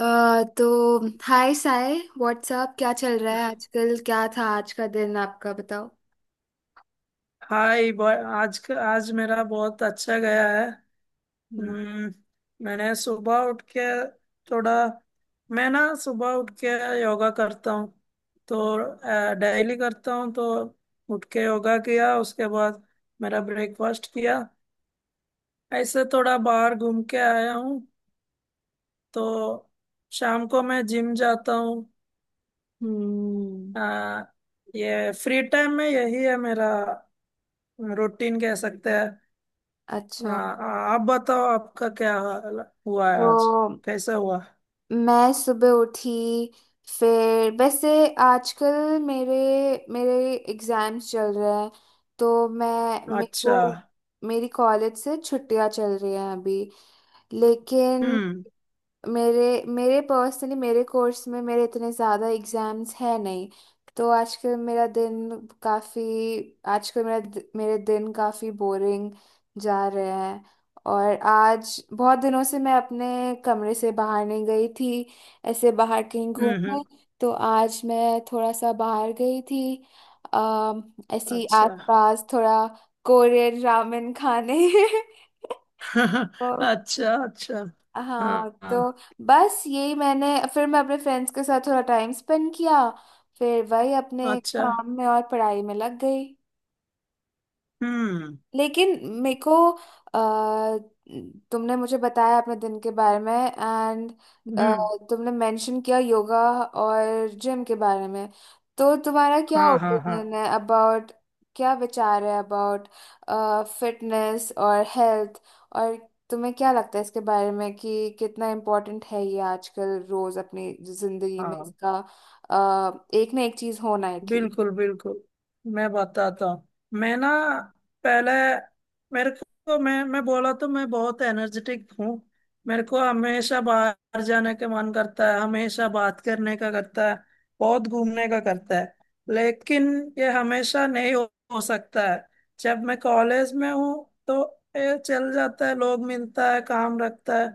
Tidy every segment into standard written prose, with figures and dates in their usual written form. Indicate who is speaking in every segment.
Speaker 1: तो हाय साय व्हाट्सअप, क्या चल रहा है आजकल? क्या था आज का दिन आपका, बताओ।
Speaker 2: हाय बॉय। आज मेरा बहुत अच्छा गया है।
Speaker 1: हम्म।
Speaker 2: हम्म, मैंने सुबह उठ के थोड़ा मैं ना सुबह उठ के योगा करता हूँ। तो डेली करता हूँ। तो उठ के योगा किया, उसके बाद मेरा ब्रेकफास्ट किया, ऐसे थोड़ा बाहर घूम के आया हूँ। तो शाम को मैं जिम जाता हूँ।
Speaker 1: हम्म,
Speaker 2: अ, ये फ्री टाइम में यही है, मेरा रूटीन कह सकते हैं।
Speaker 1: अच्छा।
Speaker 2: हाँ। हाँ, आप बताओ आपका क्या हाल हुआ है
Speaker 1: तो
Speaker 2: आज, कैसा हुआ?
Speaker 1: मैं सुबह उठी। फिर वैसे आजकल मेरे मेरे एग्जाम्स चल रहे हैं, तो मैं मेरे को
Speaker 2: अच्छा।
Speaker 1: मेरी कॉलेज से छुट्टियां चल रही हैं अभी। लेकिन
Speaker 2: हम्म।
Speaker 1: मेरे मेरे पर्सनली मेरे कोर्स में मेरे इतने ज़्यादा एग्जाम्स है नहीं, तो आजकल मेरा दिन काफ़ी आजकल मेरा दि- मेरे दिन काफ़ी बोरिंग जा रहे हैं। और आज बहुत दिनों से मैं अपने कमरे से बाहर नहीं गई थी, ऐसे बाहर कहीं
Speaker 2: हम्म। हम्म।
Speaker 1: घूमने। तो आज मैं थोड़ा सा बाहर गई थी, अम, ऐसी
Speaker 2: अच्छा।
Speaker 1: आसपास, थोड़ा कोरियन रामेन खाने तो
Speaker 2: अच्छा, अच्छा।
Speaker 1: हाँ,
Speaker 2: हाँ।
Speaker 1: तो
Speaker 2: हाँ,
Speaker 1: बस यही मैंने। फिर मैं अपने फ्रेंड्स के साथ थोड़ा टाइम स्पेंड किया, फिर वही अपने
Speaker 2: अच्छा।
Speaker 1: काम में और पढ़ाई में लग गई।
Speaker 2: हम्म।
Speaker 1: लेकिन अ, तुमने मुझे बताया अपने दिन के बारे में, एंड
Speaker 2: हम्म।
Speaker 1: तुमने मेंशन किया योगा और जिम के बारे में। तो तुम्हारा क्या
Speaker 2: हाँ। हाँ। हाँ।
Speaker 1: ओपिनियन है अबाउट, क्या विचार है अबाउट फिटनेस और हेल्थ, और तुम्हें क्या लगता है इसके बारे में कि कितना इम्पोर्टेंट है ये आजकल रोज अपनी जिंदगी में
Speaker 2: हाँ।
Speaker 1: इसका एक ना एक चीज होना एटलीस्ट।
Speaker 2: बिल्कुल, बिल्कुल। मैं बताता हूँ। मैं ना पहले, मेरे को मैं बोला तो मैं बहुत एनर्जेटिक हूँ। मेरे को हमेशा बाहर जाने का मन करता है, हमेशा बात करने का करता है, बहुत घूमने का करता है। लेकिन ये हमेशा नहीं हो सकता है। जब मैं कॉलेज में हूँ तो ये चल जाता है, लोग मिलता है, काम रखता है।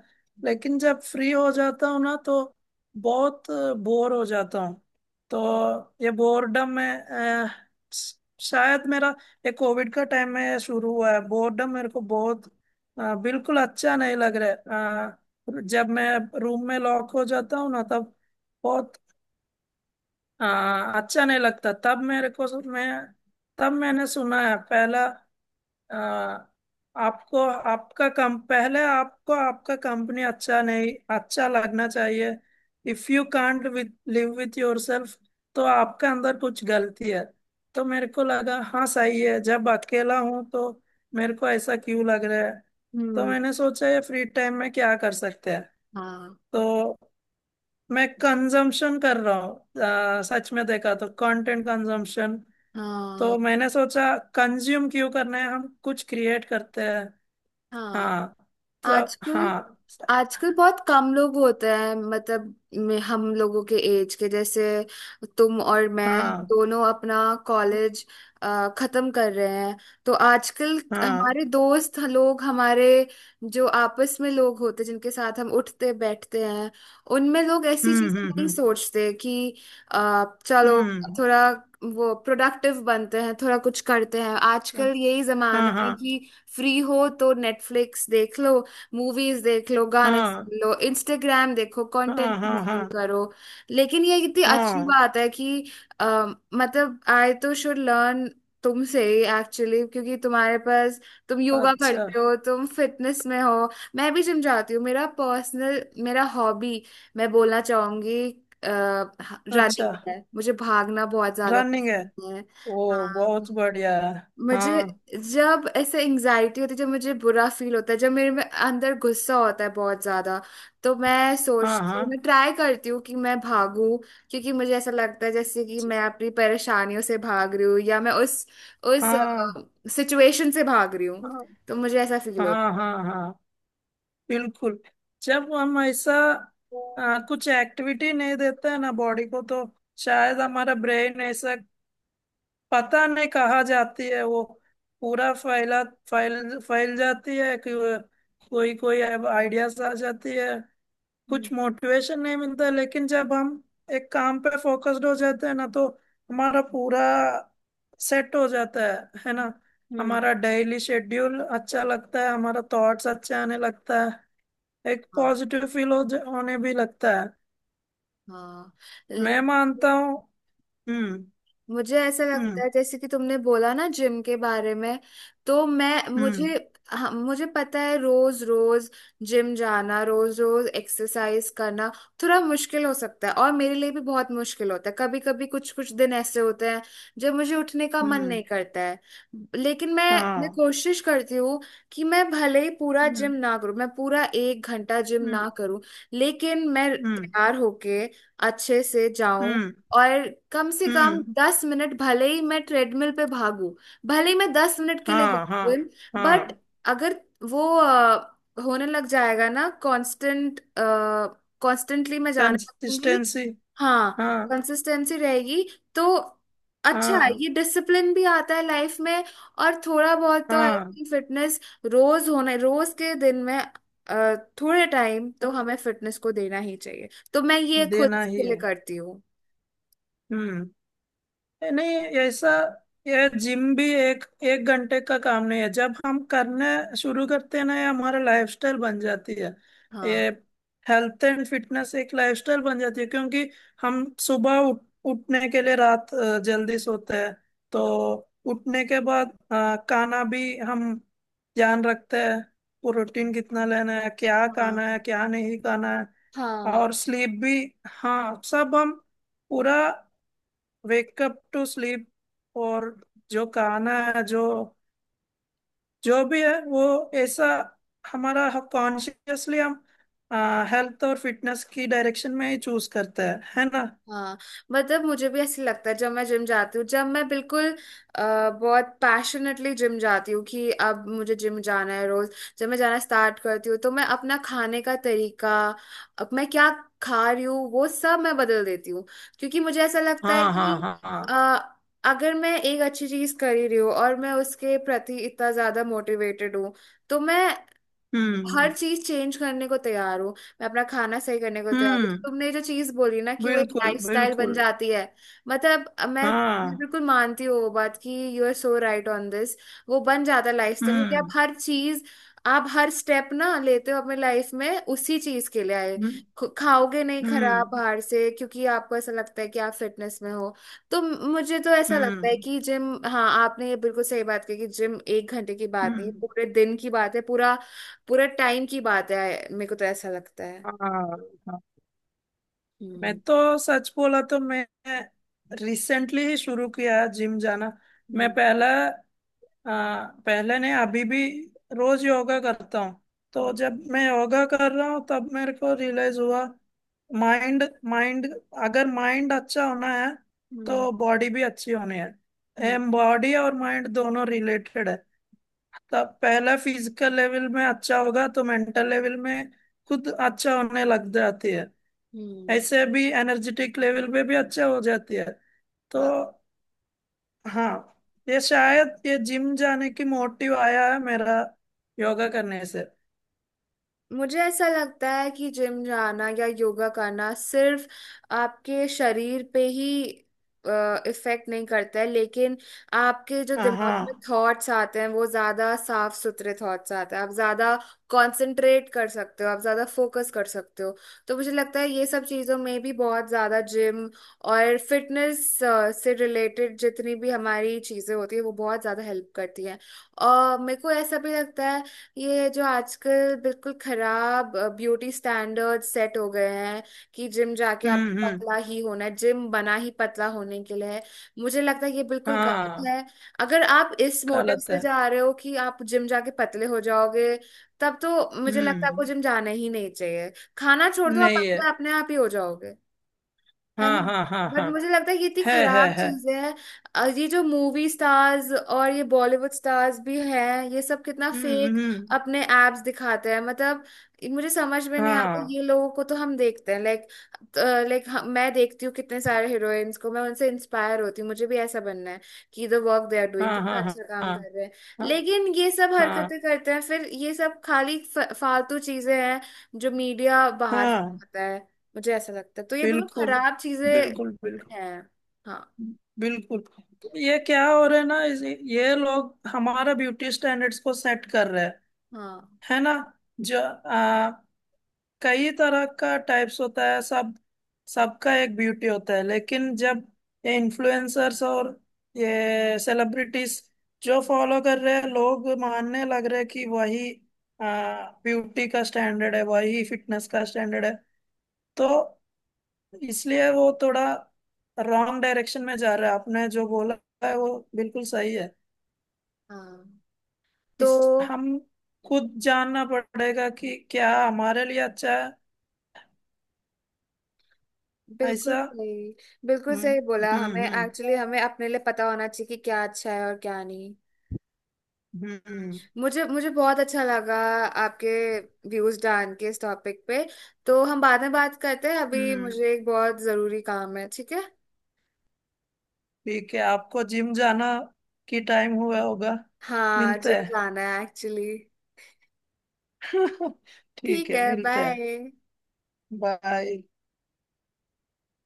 Speaker 2: लेकिन जब फ्री हो जाता हूँ ना तो बहुत बोर हो जाता हूँ। तो ये बोर्डम में, शायद मेरा ये कोविड का टाइम में ये शुरू हुआ है बोर्डम, मेरे को बहुत बिल्कुल अच्छा नहीं लग रहा है। जब मैं रूम में लॉक हो जाता हूँ ना तब बहुत अ, अच्छा नहीं लगता तब मेरे को। मैं तब मैंने सुना है पहला, आ, आपको आपका कम पहले, आपको आपका कंपनी अच्छा नहीं, अच्छा लगना चाहिए। If you can't with live with yourself, तो आपका अंदर कुछ गलती है। तो मेरे को लगा हाँ सही है, जब अकेला हूं तो मेरे को ऐसा क्यों लग रहा है। तो
Speaker 1: हम्म।
Speaker 2: मैंने सोचा ये फ्री टाइम में क्या कर सकते हैं।
Speaker 1: हाँ,
Speaker 2: तो मैं कंजम्पशन कर रहा हूँ, सच में देखा तो कंटेंट कंजम्पशन।
Speaker 1: हाँ,
Speaker 2: तो मैंने सोचा, कंज्यूम क्यों करना है, हम कुछ क्रिएट करते हैं।
Speaker 1: हाँ।
Speaker 2: हाँ सब,
Speaker 1: आजकल
Speaker 2: हाँ सब।
Speaker 1: आजकल बहुत कम लोग होते हैं, मतलब हम लोगों के एज के जैसे, तुम और मैं हम
Speaker 2: हाँ।
Speaker 1: दोनों अपना कॉलेज खत्म कर रहे हैं। तो आजकल
Speaker 2: हाँ।
Speaker 1: हमारे दोस्त लोग, हमारे जो आपस में लोग होते हैं जिनके साथ हम उठते बैठते हैं, उनमें लोग ऐसी
Speaker 2: हम्म।
Speaker 1: चीजें नहीं
Speaker 2: हम्म।
Speaker 1: सोचते कि चलो
Speaker 2: हम्म।
Speaker 1: थोड़ा वो प्रोडक्टिव बनते हैं, थोड़ा कुछ करते हैं।
Speaker 2: हम्म।
Speaker 1: आजकल यही जमाना
Speaker 2: हाँ।
Speaker 1: है
Speaker 2: हाँ।
Speaker 1: कि फ्री हो तो नेटफ्लिक्स देख लो, मूवीज देख लो, गाने
Speaker 2: हाँ।
Speaker 1: सुन लो, इंस्टाग्राम देखो,
Speaker 2: हाँ।
Speaker 1: कंटेंट
Speaker 2: हाँ। हाँ।
Speaker 1: कंज्यूम
Speaker 2: हाँ।
Speaker 1: करो। लेकिन ये कितनी अच्छी
Speaker 2: हाँ,
Speaker 1: बात है कि अ, मतलब आई तो शुड लर्न तुमसे ही एक्चुअली, क्योंकि तुम्हारे पास, तुम योगा
Speaker 2: अच्छा,
Speaker 1: करते हो, तुम फिटनेस में हो। मैं भी जिम जाती हूँ, मेरा पर्सनल मेरा हॉबी मैं बोलना चाहूंगी
Speaker 2: अच्छा।
Speaker 1: रनिंग है, मुझे भागना बहुत ज्यादा
Speaker 2: रनिंग है?
Speaker 1: पसंद है।
Speaker 2: ओ बहुत
Speaker 1: हाँ।
Speaker 2: बढ़िया है।
Speaker 1: मुझे
Speaker 2: हाँ।
Speaker 1: जब ऐसे एंजाइटी होती है, जब मुझे बुरा फील होता है, जब मेरे में अंदर गुस्सा होता है बहुत ज्यादा, तो मैं
Speaker 2: हाँ।
Speaker 1: सोचती हूँ,
Speaker 2: हाँ।
Speaker 1: मैं ट्राई करती हूँ कि मैं भागूं। क्योंकि मुझे ऐसा लगता है जैसे कि मैं अपनी परेशानियों से भाग रही हूँ, या मैं उस
Speaker 2: हाँ।
Speaker 1: सिचुएशन से भाग रही हूँ।
Speaker 2: हाँ।
Speaker 1: तो मुझे ऐसा फील होता
Speaker 2: हाँ। हाँ।
Speaker 1: है।
Speaker 2: हाँ। बिल्कुल। जब हम ऐसा कुछ एक्टिविटी नहीं देते हैं ना बॉडी को, तो शायद हमारा ब्रेन ऐसा, पता नहीं कहाँ जाती है वो, पूरा फैला, फैल फैल जाती है कि कोई कोई आइडियाज आ जाती है,
Speaker 1: हम्म।
Speaker 2: कुछ मोटिवेशन नहीं मिलता। लेकिन जब हम एक काम पे फोकस्ड हो जाते हैं ना तो हमारा पूरा सेट हो जाता है ना।
Speaker 1: हम्म।
Speaker 2: हमारा डेली शेड्यूल अच्छा लगता है, हमारा थॉट्स अच्छे आने लगता है, एक
Speaker 1: हाँ,
Speaker 2: पॉजिटिव फील हो होने भी लगता है।
Speaker 1: हाँ।
Speaker 2: मैं मानता हूँ। हम्म।
Speaker 1: मुझे ऐसा लगता
Speaker 2: हम्म।
Speaker 1: है जैसे कि तुमने बोला ना जिम के बारे में, तो मैं,
Speaker 2: हम्म।
Speaker 1: मुझे हाँ, मुझे पता है रोज रोज जिम जाना, रोज रोज एक्सरसाइज करना थोड़ा मुश्किल हो सकता है, और मेरे लिए भी बहुत मुश्किल होता है। कभी कभी कुछ कुछ दिन ऐसे होते हैं जब मुझे उठने का मन
Speaker 2: हम्म।
Speaker 1: नहीं करता है। लेकिन मैं
Speaker 2: हाँ।
Speaker 1: कोशिश करती हूँ कि मैं भले ही पूरा जिम
Speaker 2: हम्म।
Speaker 1: ना करूँ, मैं पूरा 1 घंटा जिम ना
Speaker 2: हम्म।
Speaker 1: करूँ, लेकिन मैं
Speaker 2: हम्म।
Speaker 1: तैयार होके अच्छे से जाऊं।
Speaker 2: हम्म।
Speaker 1: और कम से कम
Speaker 2: हम्म।
Speaker 1: 10 मिनट भले ही मैं ट्रेडमिल पे भागू, भले ही मैं 10 मिनट के लिए जाऊँ
Speaker 2: हाँ। हाँ।
Speaker 1: जिम, बट
Speaker 2: हाँ।
Speaker 1: अगर वो होने लग जाएगा ना कांस्टेंट, कांस्टेंटली मैं जाने लगूंगी,
Speaker 2: कंसिस्टेंसी।
Speaker 1: हाँ
Speaker 2: हाँ।
Speaker 1: कंसिस्टेंसी रहेगी, तो अच्छा है।
Speaker 2: हाँ,
Speaker 1: ये डिसिप्लिन भी आता है लाइफ में, और थोड़ा बहुत तो आई
Speaker 2: हाँ,
Speaker 1: थिंक फिटनेस रोज होना, रोज के दिन में अ, थोड़े टाइम तो
Speaker 2: हाँ।
Speaker 1: हमें फिटनेस को देना ही चाहिए, तो मैं ये खुद
Speaker 2: देना ही
Speaker 1: के
Speaker 2: है।
Speaker 1: लिए करती हूँ।
Speaker 2: हम्म। नहीं, ऐसा यह जिम भी एक एक घंटे का काम नहीं है। जब हम करने शुरू करते हैं ना ये हमारा लाइफस्टाइल बन जाती है।
Speaker 1: हाँ,
Speaker 2: ये हेल्थ एंड फिटनेस एक लाइफस्टाइल बन जाती है, क्योंकि हम सुबह उठने के लिए रात जल्दी सोते हैं। तो
Speaker 1: हाँ,
Speaker 2: उठने के बाद खाना भी हम ध्यान रखते हैं, प्रोटीन कितना लेना है, क्या खाना है, क्या नहीं खाना है।
Speaker 1: हाँ,
Speaker 2: और स्लीप भी। हाँ, सब हम पूरा, वेकअप टू स्लीप। और जो गाना है, जो जो भी है वो, ऐसा हमारा, कॉन्शियसली हम हेल्थ और फिटनेस की डायरेक्शन में ही चूज करते हैं, है ना।
Speaker 1: हाँ। मतलब मुझे भी ऐसे लगता है जब मैं जिम जाती हूँ, जब मैं बिल्कुल बहुत पैशनेटली जिम जाती हूँ कि अब मुझे जिम जाना है रोज, जब मैं जाना स्टार्ट करती हूँ, तो मैं अपना खाने का तरीका, अब मैं क्या खा रही हूँ वो सब मैं बदल देती हूँ। क्योंकि मुझे ऐसा लगता है
Speaker 2: हाँ। हाँ।
Speaker 1: कि
Speaker 2: हाँ।
Speaker 1: अ,
Speaker 2: हाँ।
Speaker 1: अगर मैं एक अच्छी चीज कर ही रही हूँ और मैं उसके प्रति इतना ज्यादा मोटिवेटेड हूँ, तो मैं हर
Speaker 2: हम्म।
Speaker 1: चीज चेंज करने को तैयार हूँ। मैं अपना खाना सही करने को तैयार हूँ।
Speaker 2: हम्म।
Speaker 1: तुमने जो चीज बोली ना कि वो एक
Speaker 2: बिल्कुल,
Speaker 1: लाइफस्टाइल बन
Speaker 2: बिल्कुल।
Speaker 1: जाती है, मतलब मैं
Speaker 2: हाँ।
Speaker 1: बिल्कुल मानती हूँ वो बात कि you are so right on this. वो बन जाता है लाइफस्टाइल, क्योंकि आप
Speaker 2: हम्म।
Speaker 1: हर चीज, आप हर स्टेप ना लेते हो अपने लाइफ में उसी चीज के लिए। आए
Speaker 2: हम्म।
Speaker 1: खाओगे नहीं खराब
Speaker 2: हम्म।
Speaker 1: बाहर से, क्योंकि आपको ऐसा लगता है कि आप फिटनेस में हो। तो मुझे तो ऐसा लगता है
Speaker 2: हम्म।
Speaker 1: कि जिम, हाँ आपने ये बिल्कुल सही बात कही कि जिम 1 घंटे की बात नहीं है,
Speaker 2: हम्म,
Speaker 1: पूरे दिन की बात है, पूरा पूरा टाइम की बात है। मेरे को तो ऐसा लगता है।
Speaker 2: हाँ। हाँ।
Speaker 1: हम्म।
Speaker 2: मैं तो सच बोला तो मैं रिसेंटली ही शुरू किया जिम जाना। मैं
Speaker 1: हम्म।
Speaker 2: पहले, पहले नहीं, अभी भी रोज योगा करता हूँ। तो
Speaker 1: हम्म।
Speaker 2: जब मैं योगा कर रहा हूँ तब मेरे को रियलाइज हुआ, माइंड, माइंड, अगर माइंड अच्छा होना है
Speaker 1: हम्म।
Speaker 2: तो बॉडी भी अच्छी होनी है।
Speaker 1: हम्म,
Speaker 2: एम, बॉडी और माइंड दोनों रिलेटेड है। तब पहला फिजिकल लेवल में अच्छा होगा तो मेंटल लेवल में खुद अच्छा होने लग जाती है।
Speaker 1: हम्म,
Speaker 2: ऐसे भी एनर्जेटिक लेवल पे भी अच्छा हो जाती है। तो हाँ, ये शायद ये जिम जाने की मोटिव आया है मेरा, योगा करने से।
Speaker 1: मुझे ऐसा लगता है कि जिम जाना या योगा करना सिर्फ आपके शरीर पे ही इफेक्ट नहीं करता है, लेकिन आपके जो
Speaker 2: हाँ।
Speaker 1: दिमाग में
Speaker 2: हाँ।
Speaker 1: थॉट्स आते हैं वो ज्यादा साफ सुथरे थॉट्स आते हैं, आप ज्यादा कंसंट्रेट कर सकते हो, आप ज्यादा फोकस कर सकते हो। तो मुझे लगता है ये सब चीजों में भी बहुत ज्यादा जिम और फिटनेस से रिलेटेड जितनी भी हमारी चीजें होती है वो बहुत ज्यादा हेल्प करती हैं। और मेरे को ऐसा भी लगता है ये जो आजकल बिल्कुल खराब ब्यूटी स्टैंडर्ड सेट हो गए हैं कि जिम जाके आप
Speaker 2: हम्म। हम्म।
Speaker 1: पतला ही होना है, जिम बना ही पतला होने के लिए है, मुझे लगता है ये बिल्कुल गलत
Speaker 2: हाँ।
Speaker 1: है। अगर आप इस मोटिव
Speaker 2: गलत
Speaker 1: से
Speaker 2: है।
Speaker 1: जा रहे हो कि आप जिम जाके पतले हो जाओगे, तब तो मुझे लगता है आपको
Speaker 2: हम्म।
Speaker 1: जिम जाना ही नहीं चाहिए। खाना छोड़ दो, आप
Speaker 2: नहीं है।
Speaker 1: पतले अपने आप ही हो जाओगे, है
Speaker 2: हाँ।
Speaker 1: ना?
Speaker 2: हाँ। हाँ।
Speaker 1: बट
Speaker 2: हाँ।
Speaker 1: मुझे लगता है कि इतनी
Speaker 2: है, है,
Speaker 1: खराब
Speaker 2: है।
Speaker 1: चीज है ये जो मूवी स्टार्स और ये बॉलीवुड स्टार्स भी हैं, ये सब कितना
Speaker 2: हम्म।
Speaker 1: फेक
Speaker 2: हम्म।
Speaker 1: अपने एप्स दिखाते हैं, मतलब मुझे समझ में नहीं आता।
Speaker 2: हाँ।
Speaker 1: ये लोगों को तो हम देखते हैं लाइक लाइक मैं देखती हूँ कितने सारे हीरोइंस को, मैं उनसे इंस्पायर होती हूँ, मुझे भी ऐसा बनना है कि the work they are doing,
Speaker 2: हाँ।
Speaker 1: कितना
Speaker 2: हाँ। हाँ।
Speaker 1: अच्छा काम
Speaker 2: हाँ।
Speaker 1: कर रहे हैं।
Speaker 2: हाँ।
Speaker 1: लेकिन ये सब
Speaker 2: हाँ।
Speaker 1: हरकतें करते हैं, फिर ये सब खाली फालतू चीजें हैं जो मीडिया बाहर
Speaker 2: हाँ,
Speaker 1: फैलाता है, मुझे ऐसा लगता है। तो ये बिल्कुल
Speaker 2: बिल्कुल,
Speaker 1: खराब चीजें
Speaker 2: बिल्कुल। बिल्कुल,
Speaker 1: हैं। हाँ।
Speaker 2: बिल्कुल। ये क्या हो रहा है ना, ये लोग हमारा ब्यूटी स्टैंडर्ड्स को सेट कर रहे हैं,
Speaker 1: हाँ,
Speaker 2: है ना। जो कई तरह का टाइप्स होता है, सब, सबका एक ब्यूटी होता है। लेकिन जब ये इन्फ्लुएंसर्स और ये सेलिब्रिटीज जो फॉलो कर रहे हैं, लोग मानने लग रहे हैं कि वही ब्यूटी का स्टैंडर्ड है, वही फिटनेस का स्टैंडर्ड है। तो इसलिए वो थोड़ा रॉन्ग डायरेक्शन में जा रहा है। आपने जो बोला है वो बिल्कुल सही है।
Speaker 1: हाँ।
Speaker 2: इस,
Speaker 1: तो
Speaker 2: हम खुद जानना पड़ेगा कि क्या हमारे लिए अच्छा है,
Speaker 1: बिल्कुल
Speaker 2: ऐसा।
Speaker 1: सही, बिल्कुल
Speaker 2: हम्म।
Speaker 1: सही बोला। हमें
Speaker 2: हम्म। हम्म।
Speaker 1: एक्चुअली हमें अपने लिए पता होना चाहिए कि क्या अच्छा है और क्या नहीं।
Speaker 2: हम्म।
Speaker 1: मुझे मुझे बहुत अच्छा लगा आपके व्यूज जान के इस टॉपिक पे। तो हम बाद में बात करते हैं, अभी
Speaker 2: हम्म।
Speaker 1: मुझे एक बहुत जरूरी काम है, ठीक है?
Speaker 2: ठीक है, आपको जिम जाना की टाइम हुआ होगा।
Speaker 1: हाँ,
Speaker 2: मिलते
Speaker 1: जिम जाना है एक्चुअली।
Speaker 2: हैं। ठीक
Speaker 1: ठीक
Speaker 2: है,
Speaker 1: है,
Speaker 2: मिलते हैं।
Speaker 1: बाय।
Speaker 2: बाय।